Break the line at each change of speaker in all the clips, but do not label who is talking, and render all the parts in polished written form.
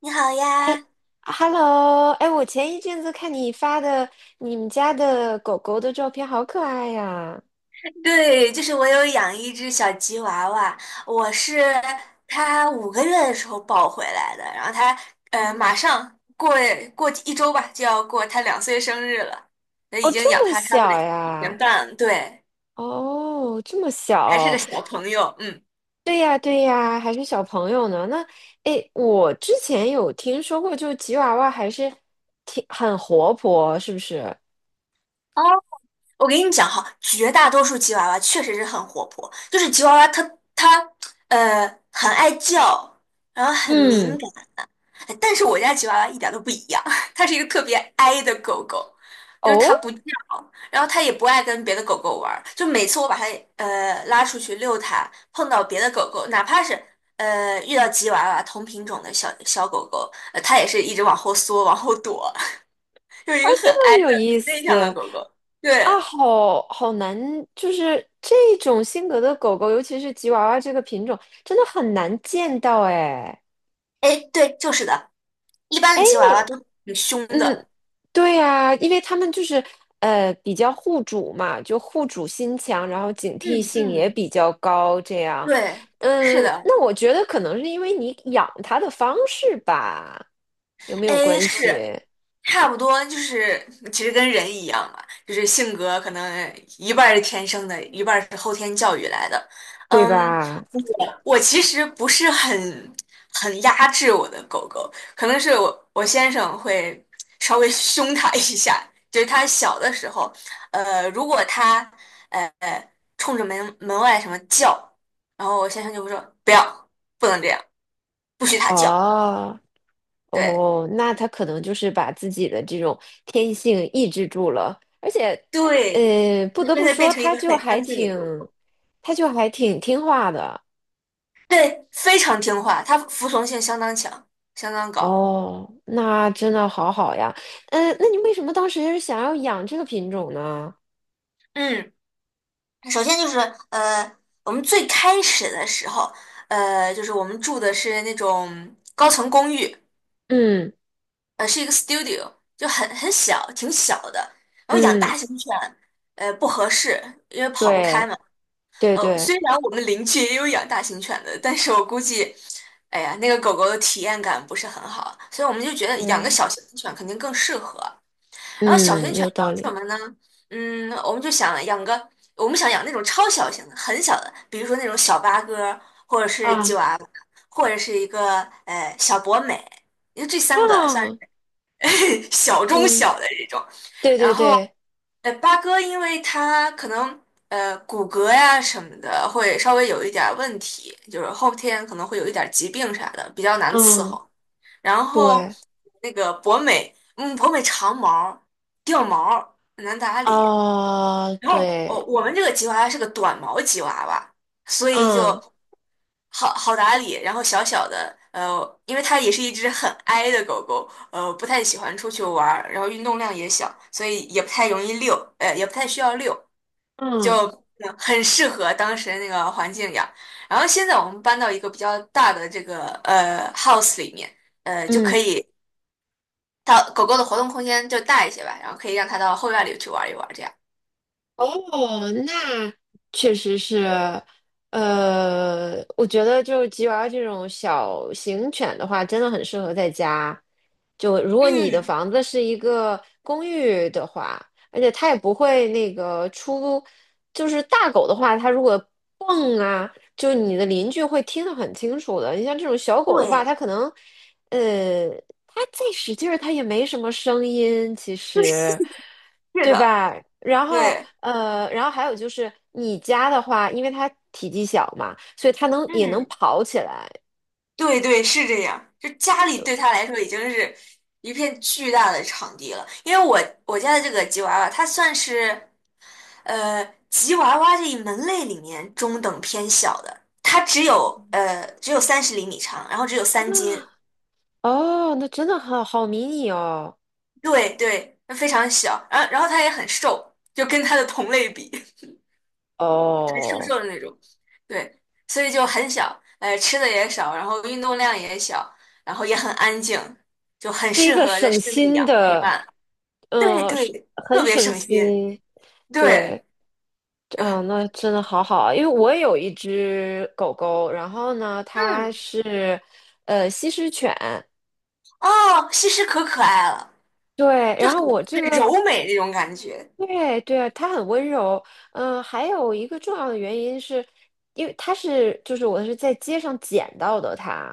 你好
哎
呀，
，Hello，哎，我前一阵子看你发的你们家的狗狗的照片，好可爱呀
对，就是我有养一只小吉娃娃，我是它5个月的时候抱回来的，然后它马 上过1周吧就要过它2岁生日了，那
哦，
已经养
这么
它差不多
小
一年
呀？
半了对，
哦，这么
还是个
小？
小朋友，嗯。
对呀，对呀，还是小朋友呢。那，哎，我之前有听说过，就吉娃娃还是挺很活泼，是不是？
哦，我跟你讲哈，绝大多数吉娃娃确实是很活泼，就是吉娃娃它很爱叫，然后很敏
嗯，
感。但是我家吉娃娃一点都不一样，它是一个特别 i 的狗狗，就是
哦，
它不叫，然后它也不爱跟别的狗狗玩儿。就每次我把它拉出去遛它，碰到别的狗狗，哪怕是遇到吉娃娃同品种的小小狗狗，它也是一直往后缩、往后躲，就是一
啊，
个很
这
i
么有
的、
意
很内向的
思
狗狗。
啊，
对，
好好难，就是这种性格的狗狗，尤其是吉娃娃这个品种，真的很难见到哎。
哎，对，就是的，一般的吉娃娃都挺凶
嗯，
的。
对呀，因为他们就是比较护主嘛，就护主心强，然后警惕
嗯
性也
嗯，
比较高，这样。
对，是
嗯，
的，
那我觉得可能是因为你养它的方式吧，有没有
哎，
关
是。
系？
差不多就是其实跟人一样嘛，就是性格可能一半儿是天生的，一半儿是后天教育来的。
对
嗯，
吧？
我其实不是很压制我的狗狗，可能是我先生会稍微 凶它一下，就是它小的时候，如果它呃冲着门外什么叫，然后我先生就会说不要，不能这样，不许它叫。
哦。
对
哦，那他可能就是把自己的这种天性抑制住了，而且，
对，
不得
现
不
在变
说，
成一个很安静的狗狗。
他就还挺听话的。
对，非常听话，它服从性相当强，相当高。
哦，那真的好好呀。嗯，那你为什么当时想要养这个品种呢？
嗯，首先就是呃，我们最开始的时候，就是我们住的是那种高层公寓，
嗯
是一个 studio，就很小，挺小的。然后养
嗯，
大型犬，不合适，因为跑不开
对
嘛。
对对，
虽然我们邻居也有养大型犬的，但是我估计，哎呀，那个狗狗的体验感不是很好，所以我们就觉得养个
对，
小型犬肯定更适合。然后小型
嗯，
犬
有
养
道
什
理。
么呢？嗯，我们就想养个，我们想养那种超小型的，很小的，比如说那种小八哥，或者是吉
啊
娃娃，或者是一个小博美，因为这三个算
啊，
是 小中
嗯，
小的这种。
对
然
对
后
对，
八哥，因为它可能骨骼呀什么的会稍微有一点儿问题，就是后天可能会有一点儿疾病啥的，比较难伺
嗯，
候。然后
对，
那个博美，嗯，博美长毛掉毛很难打理。
啊，
然后我
对，
我们这个吉娃娃是个短毛吉娃娃，所以就
嗯
好好打理。然后小小的，因为它也是一只很矮的狗狗，不太喜欢出去玩儿，然后运动量也小，所以也不太容易遛，也不太需要遛，
嗯。
就很适合当时那个环境养。然后现在我们搬到一个比较大的这个house 里面。就可
嗯，
以它狗狗的活动空间就大一些吧，然后可以让它到后院里去玩一玩，这样。
哦，那确实是，我觉得就是吉娃娃这种小型犬的话，真的很适合在家。就如果你的
嗯，
房子是一个公寓的话，而且它也不会那个出，就是大狗的话，它如果蹦啊，就你的邻居会听得很清楚的。你像这种小狗的话，
对，
它可能，呃，它再使劲儿，它也没什么声音，其实。
是
对
的，
吧？然后
对，
呃，然后还有就是你家的话，因为它体积小嘛，所以它能也能
嗯，
跑起来。
对对，是这样。就家里对它来说已经是一片巨大的场地了，因为我家的这个吉娃娃，它算是呃吉娃娃这一门类里面中等偏小的，它只有30厘米长，然后只有3斤，
哦，那真的好好迷你哦。
对对，它非常小，然后它也很瘦，就跟它的同类比。瘦
哦，
瘦的那种，对，所以就很小，吃的也少，然后运动量也小，然后也很安静，就很
是一
适
个
合在
省
室内
心
养陪
的，
伴。对
嗯，是
对，
很
特别
省
省心。
心。对，
对，呃
嗯，那真的好好啊，因为我也有一只狗狗，然后呢，它
嗯，
是西施犬，
哦，西施可可爱了，
对，然后我这
很
个
柔美那种感觉。
对对啊，他很温柔。还有一个重要的原因是，因为他是就是我是在街上捡到的他。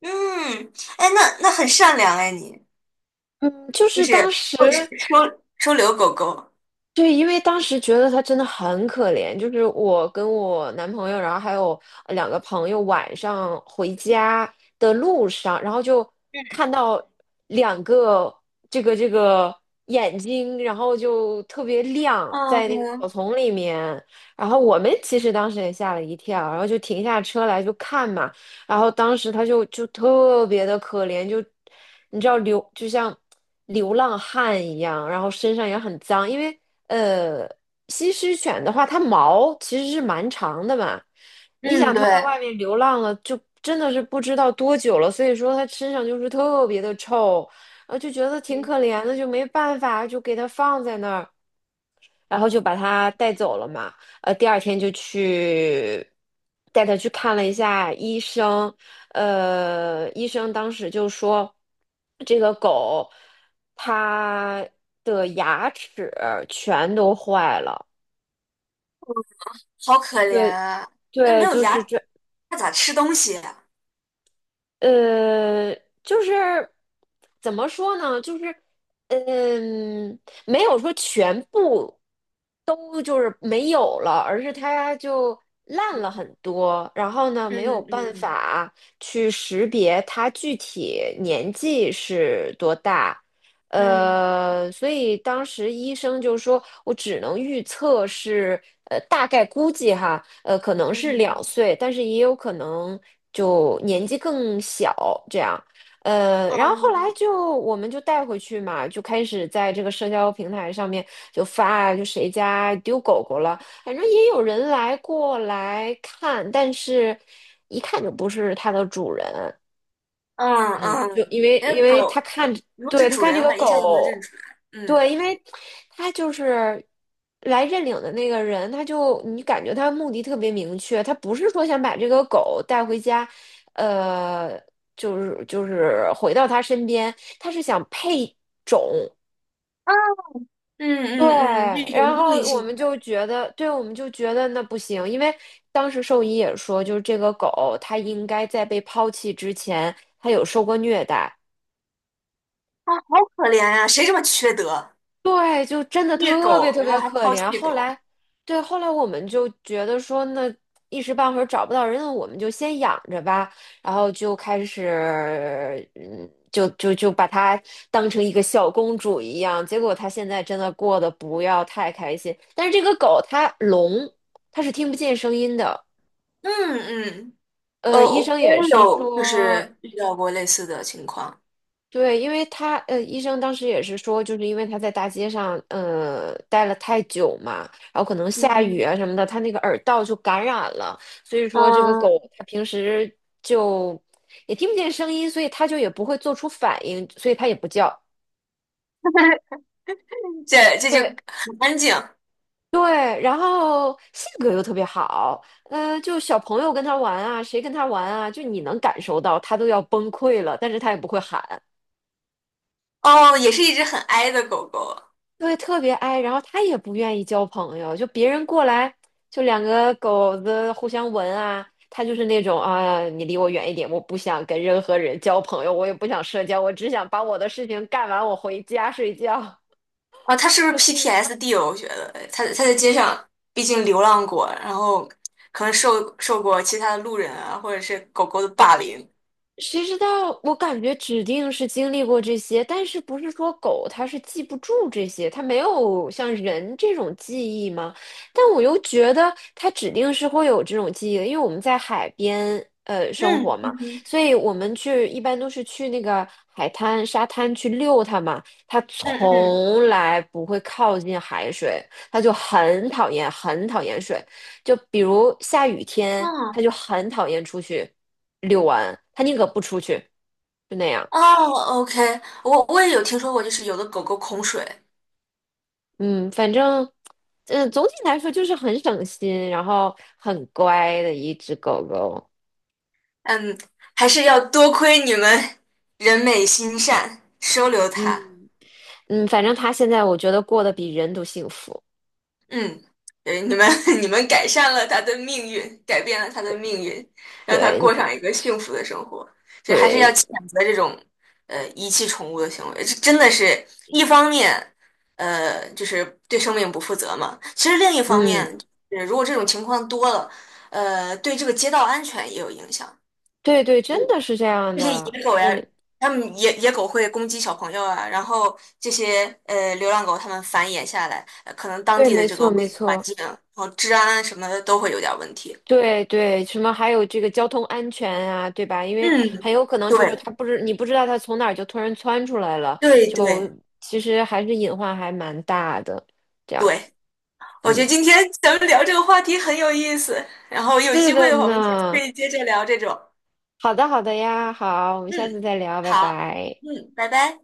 嗯，哎，那很善良哎，你
嗯，就
就
是
是
当
会
时。
收留狗狗。
对，因为当时觉得他真的很可怜，就是我跟我男朋友，然后还有两个朋友，晚上回家的路上，然后就看到两个这个眼睛，然后就特别亮，在那个草
嗯
丛里面。然后我们其实当时也吓了一跳，然后就停下车来就看嘛。然后当时他就特别的可怜，就你知道流就像流浪汉一样，然后身上也很脏，因为呃，西施犬的话，它毛其实是蛮长的嘛。你
嗯，
想，
对，
它在外面流浪了，就真的是不知道多久了，所以说它身上就是特别的臭，就觉得挺可怜的，就没办法，就给它放在那儿。然后就把它带走了嘛。第二天就去带它去看了一下医生，医生当时就说，这个狗它的牙齿全都坏了。
好可怜
对
啊，那没
对，
有
就
牙，
是这。
它咋吃东西呀？
呃，就是怎么说呢？就是嗯，没有说全部都就是没有了，而是它就烂了
嗯
很多。然后呢，没有
嗯
办
嗯。
法去识别它具体年纪是多大，
嗯
所以当时医生就说，我只能预测是，大概估计哈，可能是两
嗯
岁，但是也有可能就年纪更小这样。然后后来
哦
就我们就带回去嘛，就开始在这个社交平台上面就发，就谁家丢狗狗了，反正也有人来过来看，但是一看就不是它的主人。
嗯
就
嗯，
因为
因为
因为他
狗
看，
如果
对，
是
他
主
看
人
这
的
个
话，一下就能认
狗，
出来。嗯
对，因为他就是来认领的那个人，他就你感觉他目的特别明确，他不是说想把这个狗带回家，呃，就是回到他身边，他是想配种。
啊，嗯
对，
嗯嗯，就有
然
目
后
的
我
性
们
的
就觉得，对，我们就觉得那不行，因为当时兽医也说，就是这个狗它应该在被抛弃之前，它有受过虐待，
啊，好可怜呀、谁这么缺德，
对，就真的
虐
特别
狗，
特
然后
别
还
可
抛
怜。
弃
后
狗。
来，对，后来我们就觉得说，那一时半会儿找不到人，那我们就先养着吧。然后就开始，嗯，就把它当成一个小公主一样。结果它现在真的过得不要太开心。但是这个狗它聋，它是听不见声音的。
嗯嗯，
医
我
生也
也
是
有就
说。
是遇到过类似的情况。
对，因为他呃，医生当时也是说，就是因为他在大街上待了太久嘛，然后可能下雨
嗯
啊什么的，他那个耳道就感染了，所以说这个
嗯，
狗它平时就也听不见声音，所以它就也不会做出反应，所以它也不叫。
这就
对
很安静
对，然后性格又特别好，就小朋友跟他玩啊，谁跟他玩啊，就你能感受到他都要崩溃了，但是他也不会喊。
哦，也是一只很哀的狗狗。
对，特别 i，然后他也不愿意交朋友，就别人过来，就两个狗子互相闻啊，他就是那种啊，你离我远一点，我不想跟任何人交朋友，我也不想社交，我只想把我的事情干完，我回家睡觉。
啊，他是不 是
就特
PTSD 哦？我觉得他在街上，毕竟流浪过，然后可能受过其他的路人啊，或者是狗狗的霸凌。
谁知道？我感觉指定是经历过这些，但是不是说狗它是记不住这些，它没有像人这种记忆吗？但我又觉得它指定是会有这种记忆的，因为我们在海边生活
嗯
嘛，
嗯哼
所以我们去一般都是去那个海滩、沙滩去遛它嘛，它
嗯嗯，
从来不会靠近海水，它就很讨厌、很讨厌水，就比如下雨天，它
嗯
就很讨厌出去。遛完，他宁可不出去，就那样。
哦，OK，我也有听说过，就是有的狗狗恐水，
嗯，反正，嗯，总体来说就是很省心，然后很乖的一只狗狗。
嗯，还是要多亏你们人美心善收留它。
嗯，嗯，反正它现在我觉得过得比人都幸福。
嗯，对，你们 你们改善了他的命运，改变了他的命运，让他
对，
过上一个幸福的生活。所以还是要
对，
谴责这种遗弃宠物的行为，这真的是一方面，就是对生命不负责嘛。其实另一方
嗯，
面，如果这种情况多了，对这个街道安全也有影响。
对对，真的是这样
这些
的，
野狗呀，它们狗会攻击小朋友啊，然后这些流浪狗它们繁衍下来，可能当
对，
地的
没
这个
错
卫
没
生环
错。
境，然后治安啊什么的都会有点儿问题。
对对，什么还有这个交通安全啊，对吧？因为
嗯，
很有可能就是
对
他不知你不知道他从哪儿就突然窜出来了，
对
就
对
其实还是隐患还蛮大的。这样，
对，我觉
嗯，
得今天咱们聊这个话题很有意思，然后有
是
机会
的
的话我们下次可
呢。
以接着聊这种。
好的，好的呀，好，我们下次
嗯，
再聊，拜
好，
拜。
嗯，拜拜。